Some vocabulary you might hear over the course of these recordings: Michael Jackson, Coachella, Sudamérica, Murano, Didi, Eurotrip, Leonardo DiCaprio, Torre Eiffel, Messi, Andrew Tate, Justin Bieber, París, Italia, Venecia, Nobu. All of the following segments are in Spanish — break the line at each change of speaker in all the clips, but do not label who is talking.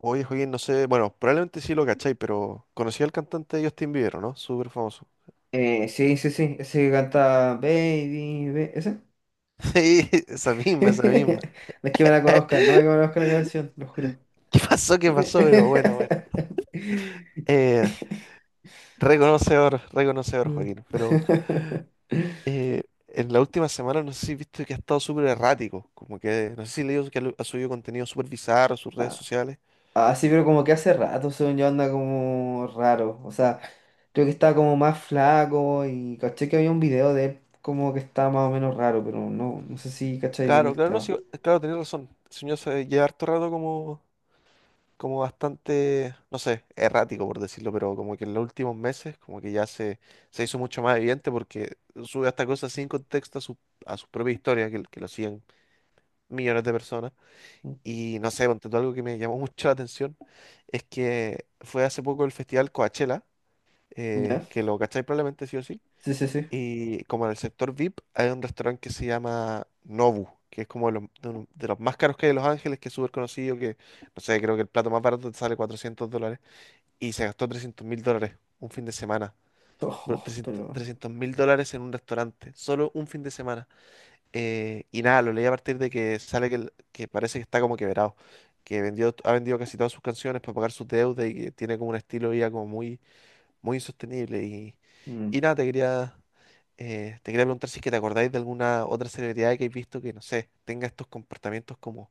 Oye, Joaquín, no sé, bueno, probablemente sí lo cacháis, pero conocí al cantante Justin Bieber, ¿o ¿no? Súper famoso.
Sí, sí, sí, ese que canta Baby, ese.
Sí, esa misma, esa misma.
No es que me la
¿Qué
conozcan, no me conozco la canción, lo juro.
pasó? ¿Qué pasó? Pero bueno, bueno. Eh, reconocedor, reconocedor,
Mm.
Joaquín. Pero en la última semana no sé si viste que ha estado súper errático. Como que, no sé si leído que ha subido contenido súper bizarro a sus redes
Ah,
sociales.
ah, sí, pero como que hace rato, según yo, anda como raro. O sea, creo que estaba como más flaco y caché que había un video de él como que estaba más o menos raro, pero no sé si cacháis bien
Claro,
el
claro, no,
tema.
sí, claro, tenés razón. El señor se lleva harto rato como bastante, no sé, errático por decirlo, pero como que en los últimos meses como que ya se hizo mucho más evidente porque sube esta cosa sin contexto a su propia historia, que lo siguen millones de personas.
Mm.
Y no sé, ponte tú, algo que me llamó mucho la atención es que fue hace poco el festival Coachella,
¿Ya?
que lo cacháis probablemente sí o sí,
Sí, sí, sí.
y como en el sector VIP hay un restaurante que se llama Nobu. Que es como de los, de los más caros que hay en Los Ángeles, que es súper conocido, que, no sé, creo que el plato más barato te sale $400 y se gastó $300.000 un fin de semana. Bro,
Ojo, pero...
$300.000 en un restaurante, solo un fin de semana. Y nada, lo leí a partir de que sale que, que parece que está como quebrado, que ha vendido casi todas sus canciones para pagar sus deudas y que tiene como un estilo de vida como muy muy insostenible. Y,
bueno.
y nada, te quería preguntar si es que te acordáis de alguna otra celebridad que hayáis visto que, no sé, tenga estos comportamientos como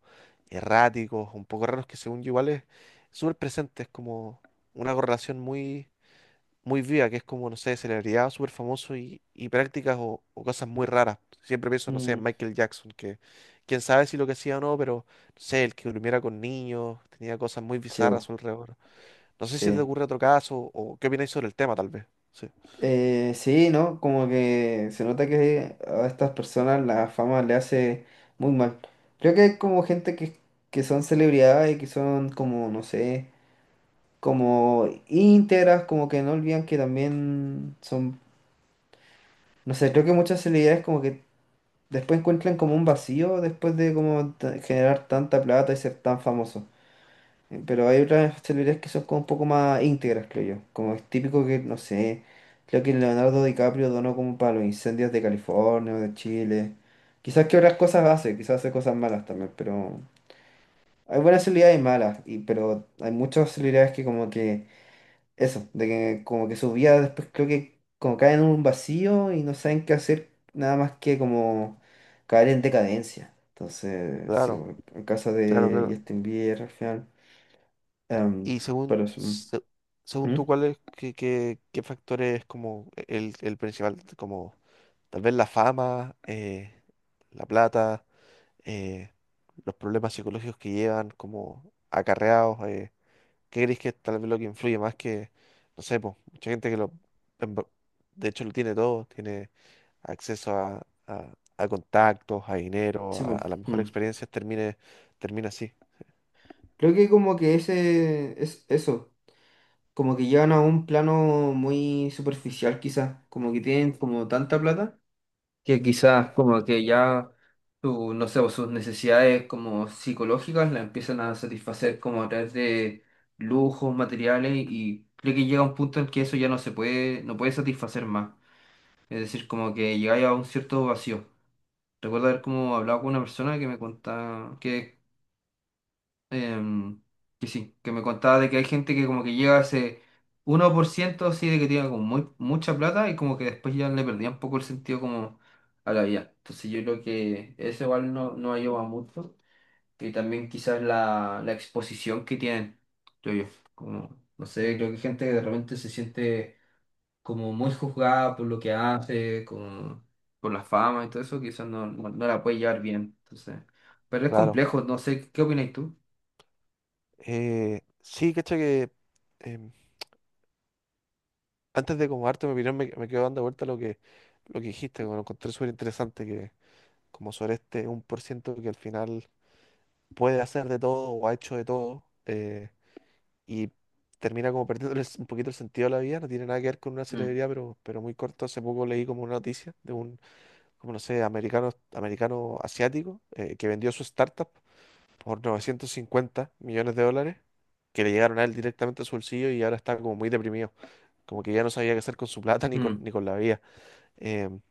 erráticos, un poco raros, que según yo igual es súper presente, es como una correlación muy, muy viva, que es como, no sé, celebridad súper famoso y prácticas o cosas muy raras. Siempre pienso, no sé,
Mm.
en
Mm.
Michael Jackson, que quién sabe si lo que hacía o no, pero, no sé, el que durmiera con niños, tenía cosas muy bizarras a
Chivo,
su alrededor. No sé si te
sí.
ocurre otro caso o qué opináis sobre el tema, tal vez. Sí,
Sí, ¿no? Como que se nota que a estas personas la fama le hace muy mal. Creo que hay como gente que son celebridades y que son como, no sé, como íntegras, como que no olvidan que también son, no sé, creo que muchas celebridades como que después encuentran como un vacío después de como generar tanta plata y ser tan famoso. Pero hay otras celebridades que son como un poco más íntegras, creo yo. Como es típico que, no sé, creo que Leonardo DiCaprio donó como para los incendios de California o de Chile. Quizás que otras cosas hace, quizás hace cosas malas también, pero hay buenas celebridades y malas, y, pero hay muchas celebridades que como que, eso, de que como que su vida después creo que como caen en un vacío y no saben qué hacer nada más que como caer en decadencia. Entonces, sí,
claro,
en caso
claro,
de
claro.
Justin Bieber, al final. Em,
Y según,
pero eso. Mm.
según tú,
Mm.
¿cuál es, qué factor es como el principal? Como tal vez la fama, la plata, eh, los problemas psicológicos que llevan como acarreados. ¿Qué crees que es tal vez lo que influye más que, no sé, po, mucha gente que lo, en ver- de hecho lo tiene todo, tiene acceso a contactos, a dinero,
Sí,
a,
po,
a las mejores
mm.
experiencias, termina así.
Creo que como que ese es eso, como que llevan a un plano muy superficial quizás, como que tienen como tanta plata que
Sí.
quizás como que ya no sé, o sus necesidades como psicológicas las empiezan a satisfacer como a través de lujos, materiales y creo que llega un punto en que eso ya no se puede, no puede satisfacer más. Es decir, como que llegáis a un cierto vacío. Recuerdo haber como hablado con una persona que me contaba que em, que sí, que me contaba de que hay gente que como que llega a ese 1% así de que tiene como muy, mucha plata y como que después ya le perdía un poco el sentido como a la vida. Entonces yo creo que eso igual no ayuda mucho y también quizás la exposición que tienen, yo, yo, como, no sé,
Mm,
creo que hay gente que de repente se siente como muy juzgada por lo que hace, como por la fama y todo eso, quizás no la puede llevar bien. Entonces, pero es
claro.
complejo, no sé, ¿qué opinas tú?
Sí, cacha que em, antes de como darte mi opinión me quedo dando vuelta lo que dijiste, que me lo encontré súper interesante, que como sobre este 1% que al final puede hacer de todo o ha hecho de todo. Y termina como perdiéndoles un poquito el sentido a la vida, no tiene nada que ver con una
Mm.
celebridad, pero muy corto, hace poco leí como una noticia de un, como no sé, americano asiático que vendió su startup por 950 millones de dólares, que le llegaron a él directamente a su bolsillo y ahora está como muy deprimido, como que ya no sabía qué hacer con su plata ni con,
Mm.
ni con la vida. Em,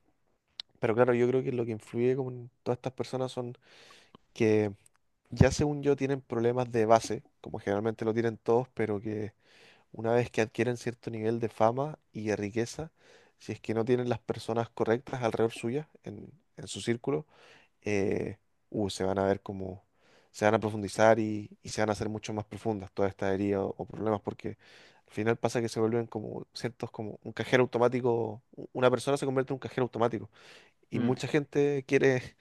pero claro, yo creo que lo que influye como en todas estas personas son que ya según yo tienen problemas de base, como generalmente lo tienen todos, pero que una vez que adquieren cierto nivel de fama y de riqueza, si es que no tienen las personas correctas alrededor suya, en su círculo, eh, se van a ver como, se van a profundizar y se van a hacer mucho más profundas todas estas heridas o problemas, porque al final pasa que se vuelven como ciertos, como un cajero automático, una persona se convierte en un cajero automático y
Mm,
mucha gente quiere,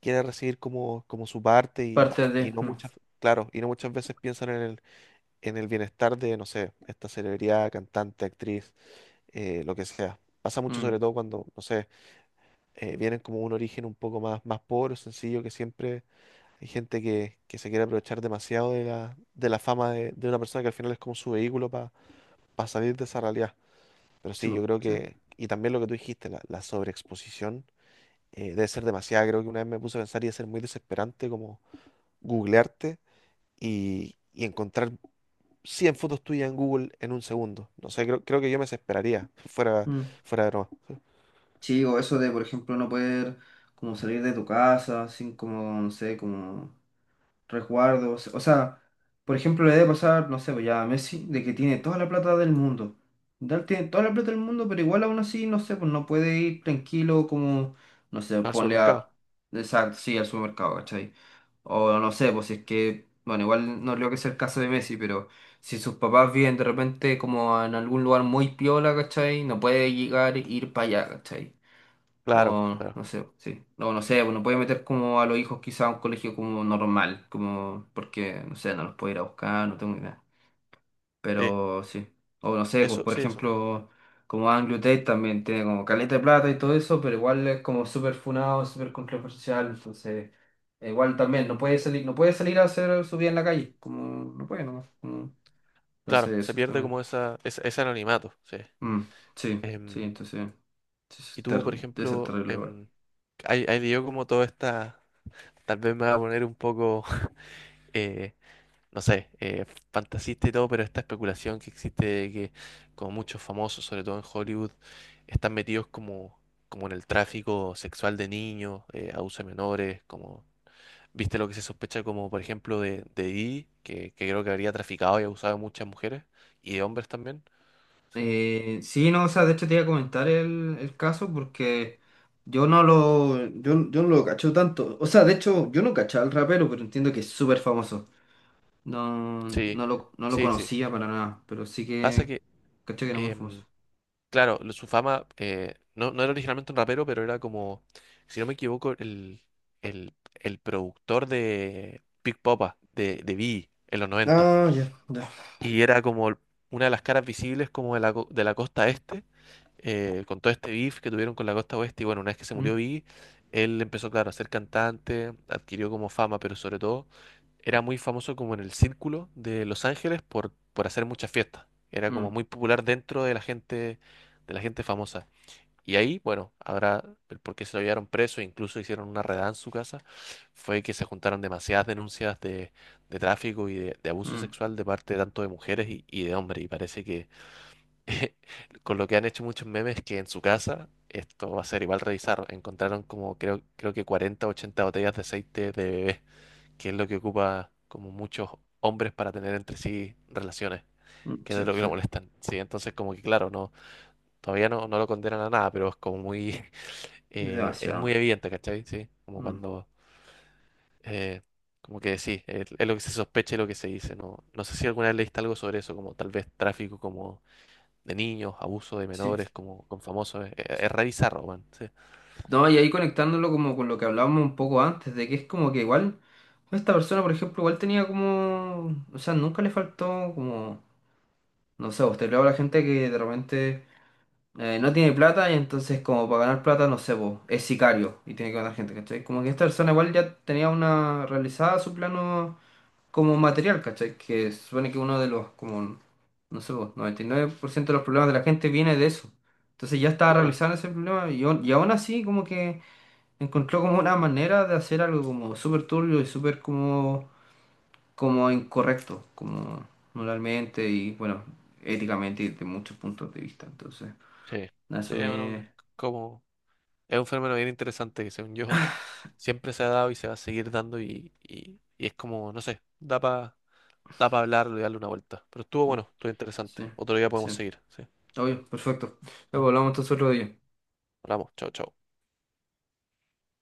quiere recibir como su parte y,
parte
y
de...
no
No.
muchas, claro, y no muchas veces piensan en el bienestar de, no sé, esta celebridad, cantante, actriz, lo que sea. Pasa mucho
Mm,
sobre todo cuando, no sé, vienen como un origen un poco más pobre o sencillo, que siempre hay gente que se quiere aprovechar demasiado de la fama de una persona que al final es como su vehículo para salir de esa realidad. Pero
sí,
sí,
po,
yo creo
sí.
que, y también lo que tú dijiste, la sobreexposición debe ser demasiada. Creo que una vez me puse a pensar y debe ser muy desesperante como googlearte y encontrar 100 fotos tuyas en Google en un segundo. No sé, creo que yo me desesperaría fuera,
Mm.
fuera de broma.
Sí, o eso de, por ejemplo, no poder como salir de tu casa sin como, no sé, como resguardos. O sea, por ejemplo, le debe pasar, no sé, pues ya a Messi, de que tiene toda la plata del mundo. Dal tiene toda la plata del mundo, pero igual aún así, no sé, pues no puede ir tranquilo como, no sé,
Al
ponle a...
supermercado.
Exacto, sí, al supermercado, ¿cachai? O no sé, pues si es que, bueno, igual no creo que sea el caso de Messi, pero si sus papás viven de repente como en algún lugar muy piola, ¿cachai? No puede llegar e ir para allá, ¿cachai?
Claro,
O
claro.
no sé, sí. No sé, bueno puede meter como a los hijos quizá a un colegio como normal, como porque, no sé, no los puedo ir a buscar, no tengo idea.
Sí,
Pero sí. O no sé, pues,
eso,
por
sí, eso.
ejemplo, como Anglo Tate también tiene como caleta de plata y todo eso, pero igual es como súper funado, súper controversial, entonces igual también no puede salir, no puede salir a hacer su vida en la calle, como no puede nomás.
Claro,
Entonces
se
eso
pierde
también.
como esa, ese anonimato, sí.
Mm, sí, sí,
Em,
entonces sí, eso
y
es
tú,
ter-
por
debe ser
ejemplo,
terrible igual.
ahí yo como toda esta, tal vez me va a poner un poco eh, no sé, fantasista y todo, pero esta especulación que existe de que como muchos famosos, sobre todo en Hollywood, están metidos como en el tráfico sexual de niños, abuso de menores, como, viste lo que se sospecha como, por ejemplo, de Didi, que creo que habría traficado y abusado de muchas mujeres y de hombres también.
Sí, no, o sea, de hecho te iba a comentar el caso porque yo no lo cacho tanto. O sea, de hecho, yo no cachaba al rapero, pero entiendo que es súper famoso.
Sí,
No lo
sí, sí.
conocía para nada, pero sí
Pasa
que
que...
caché que era muy famoso.
em, Claro, su fama no, no era originalmente un rapero, pero era como, si no me equivoco, el productor de Big Popa, de Biggie, en los 90
Ah, ya, ya.
y era como una de las caras visibles como de la costa este, con todo este beef que tuvieron con la costa oeste. Y bueno, una vez que se murió
Mm,
Biggie, él empezó, claro, a ser cantante, adquirió como fama, pero sobre todo era muy famoso como en el círculo de Los Ángeles por hacer muchas fiestas. Era como
mm,
muy popular dentro de la gente famosa. Y ahí, bueno, ahora, el por qué se lo llevaron preso, incluso hicieron una redada en su casa, fue que se juntaron demasiadas denuncias de tráfico y de abuso
mm,
sexual de parte tanto de mujeres y de hombres. Y parece que con lo que han hecho muchos memes, que en su casa esto va a ser igual revisar. Encontraron como creo que 40 o 80 botellas de aceite de bebé, que es lo que ocupa como muchos hombres para tener entre sí relaciones,
mm,
que es
sí,
de lo que
sí,
lo molestan. Sí, entonces como que claro, no, todavía no lo condenan a nada, pero es muy
demasiado.
evidente, ¿cachai? Sí, como
Mm,
cuando, eh, como que sí, es lo que se sospecha y lo que se dice. No, no sé si alguna vez leíste algo sobre eso, como tal vez tráfico como de niños, abuso de
sí,
menores, como con famosos. Es
sí.
re bizarro, weón. Sí,
No, y ahí conectándolo como con lo que hablábamos un poco antes, de que es como que igual, esta persona, por ejemplo, igual tenía como, o sea, nunca le faltó como, no sé, usted le habla a la gente que de repente no tiene plata y entonces como para ganar plata, no sé, vos, es sicario y tiene que ganar gente, ¿cachai? Como que esta persona igual ya tenía una realizada su plano como material, ¿cachai? Que supone que uno de los, como, no sé, vos, 99% de los problemas de la gente viene de eso. Entonces ya estaba
claro.
realizando ese problema y aún así como que encontró como una manera de hacer algo como súper turbio y súper como, como incorrecto, como moralmente y bueno, éticamente y de muchos puntos de vista. Entonces,
Sí,
nada,
sí,
eso
bueno,
me...
como, es un fenómeno bien interesante que según yo siempre se ha dado y se va a seguir dando y es como, no sé, da para da pa hablarlo y darle una vuelta. Pero estuvo
mm,
bueno, estuvo
sí,
interesante. Otro día
sí.
podemos seguir, sí.
Obvio, perfecto.
Bueno,
Luego hablamos entonces otro día.
hablamos, chao, chao.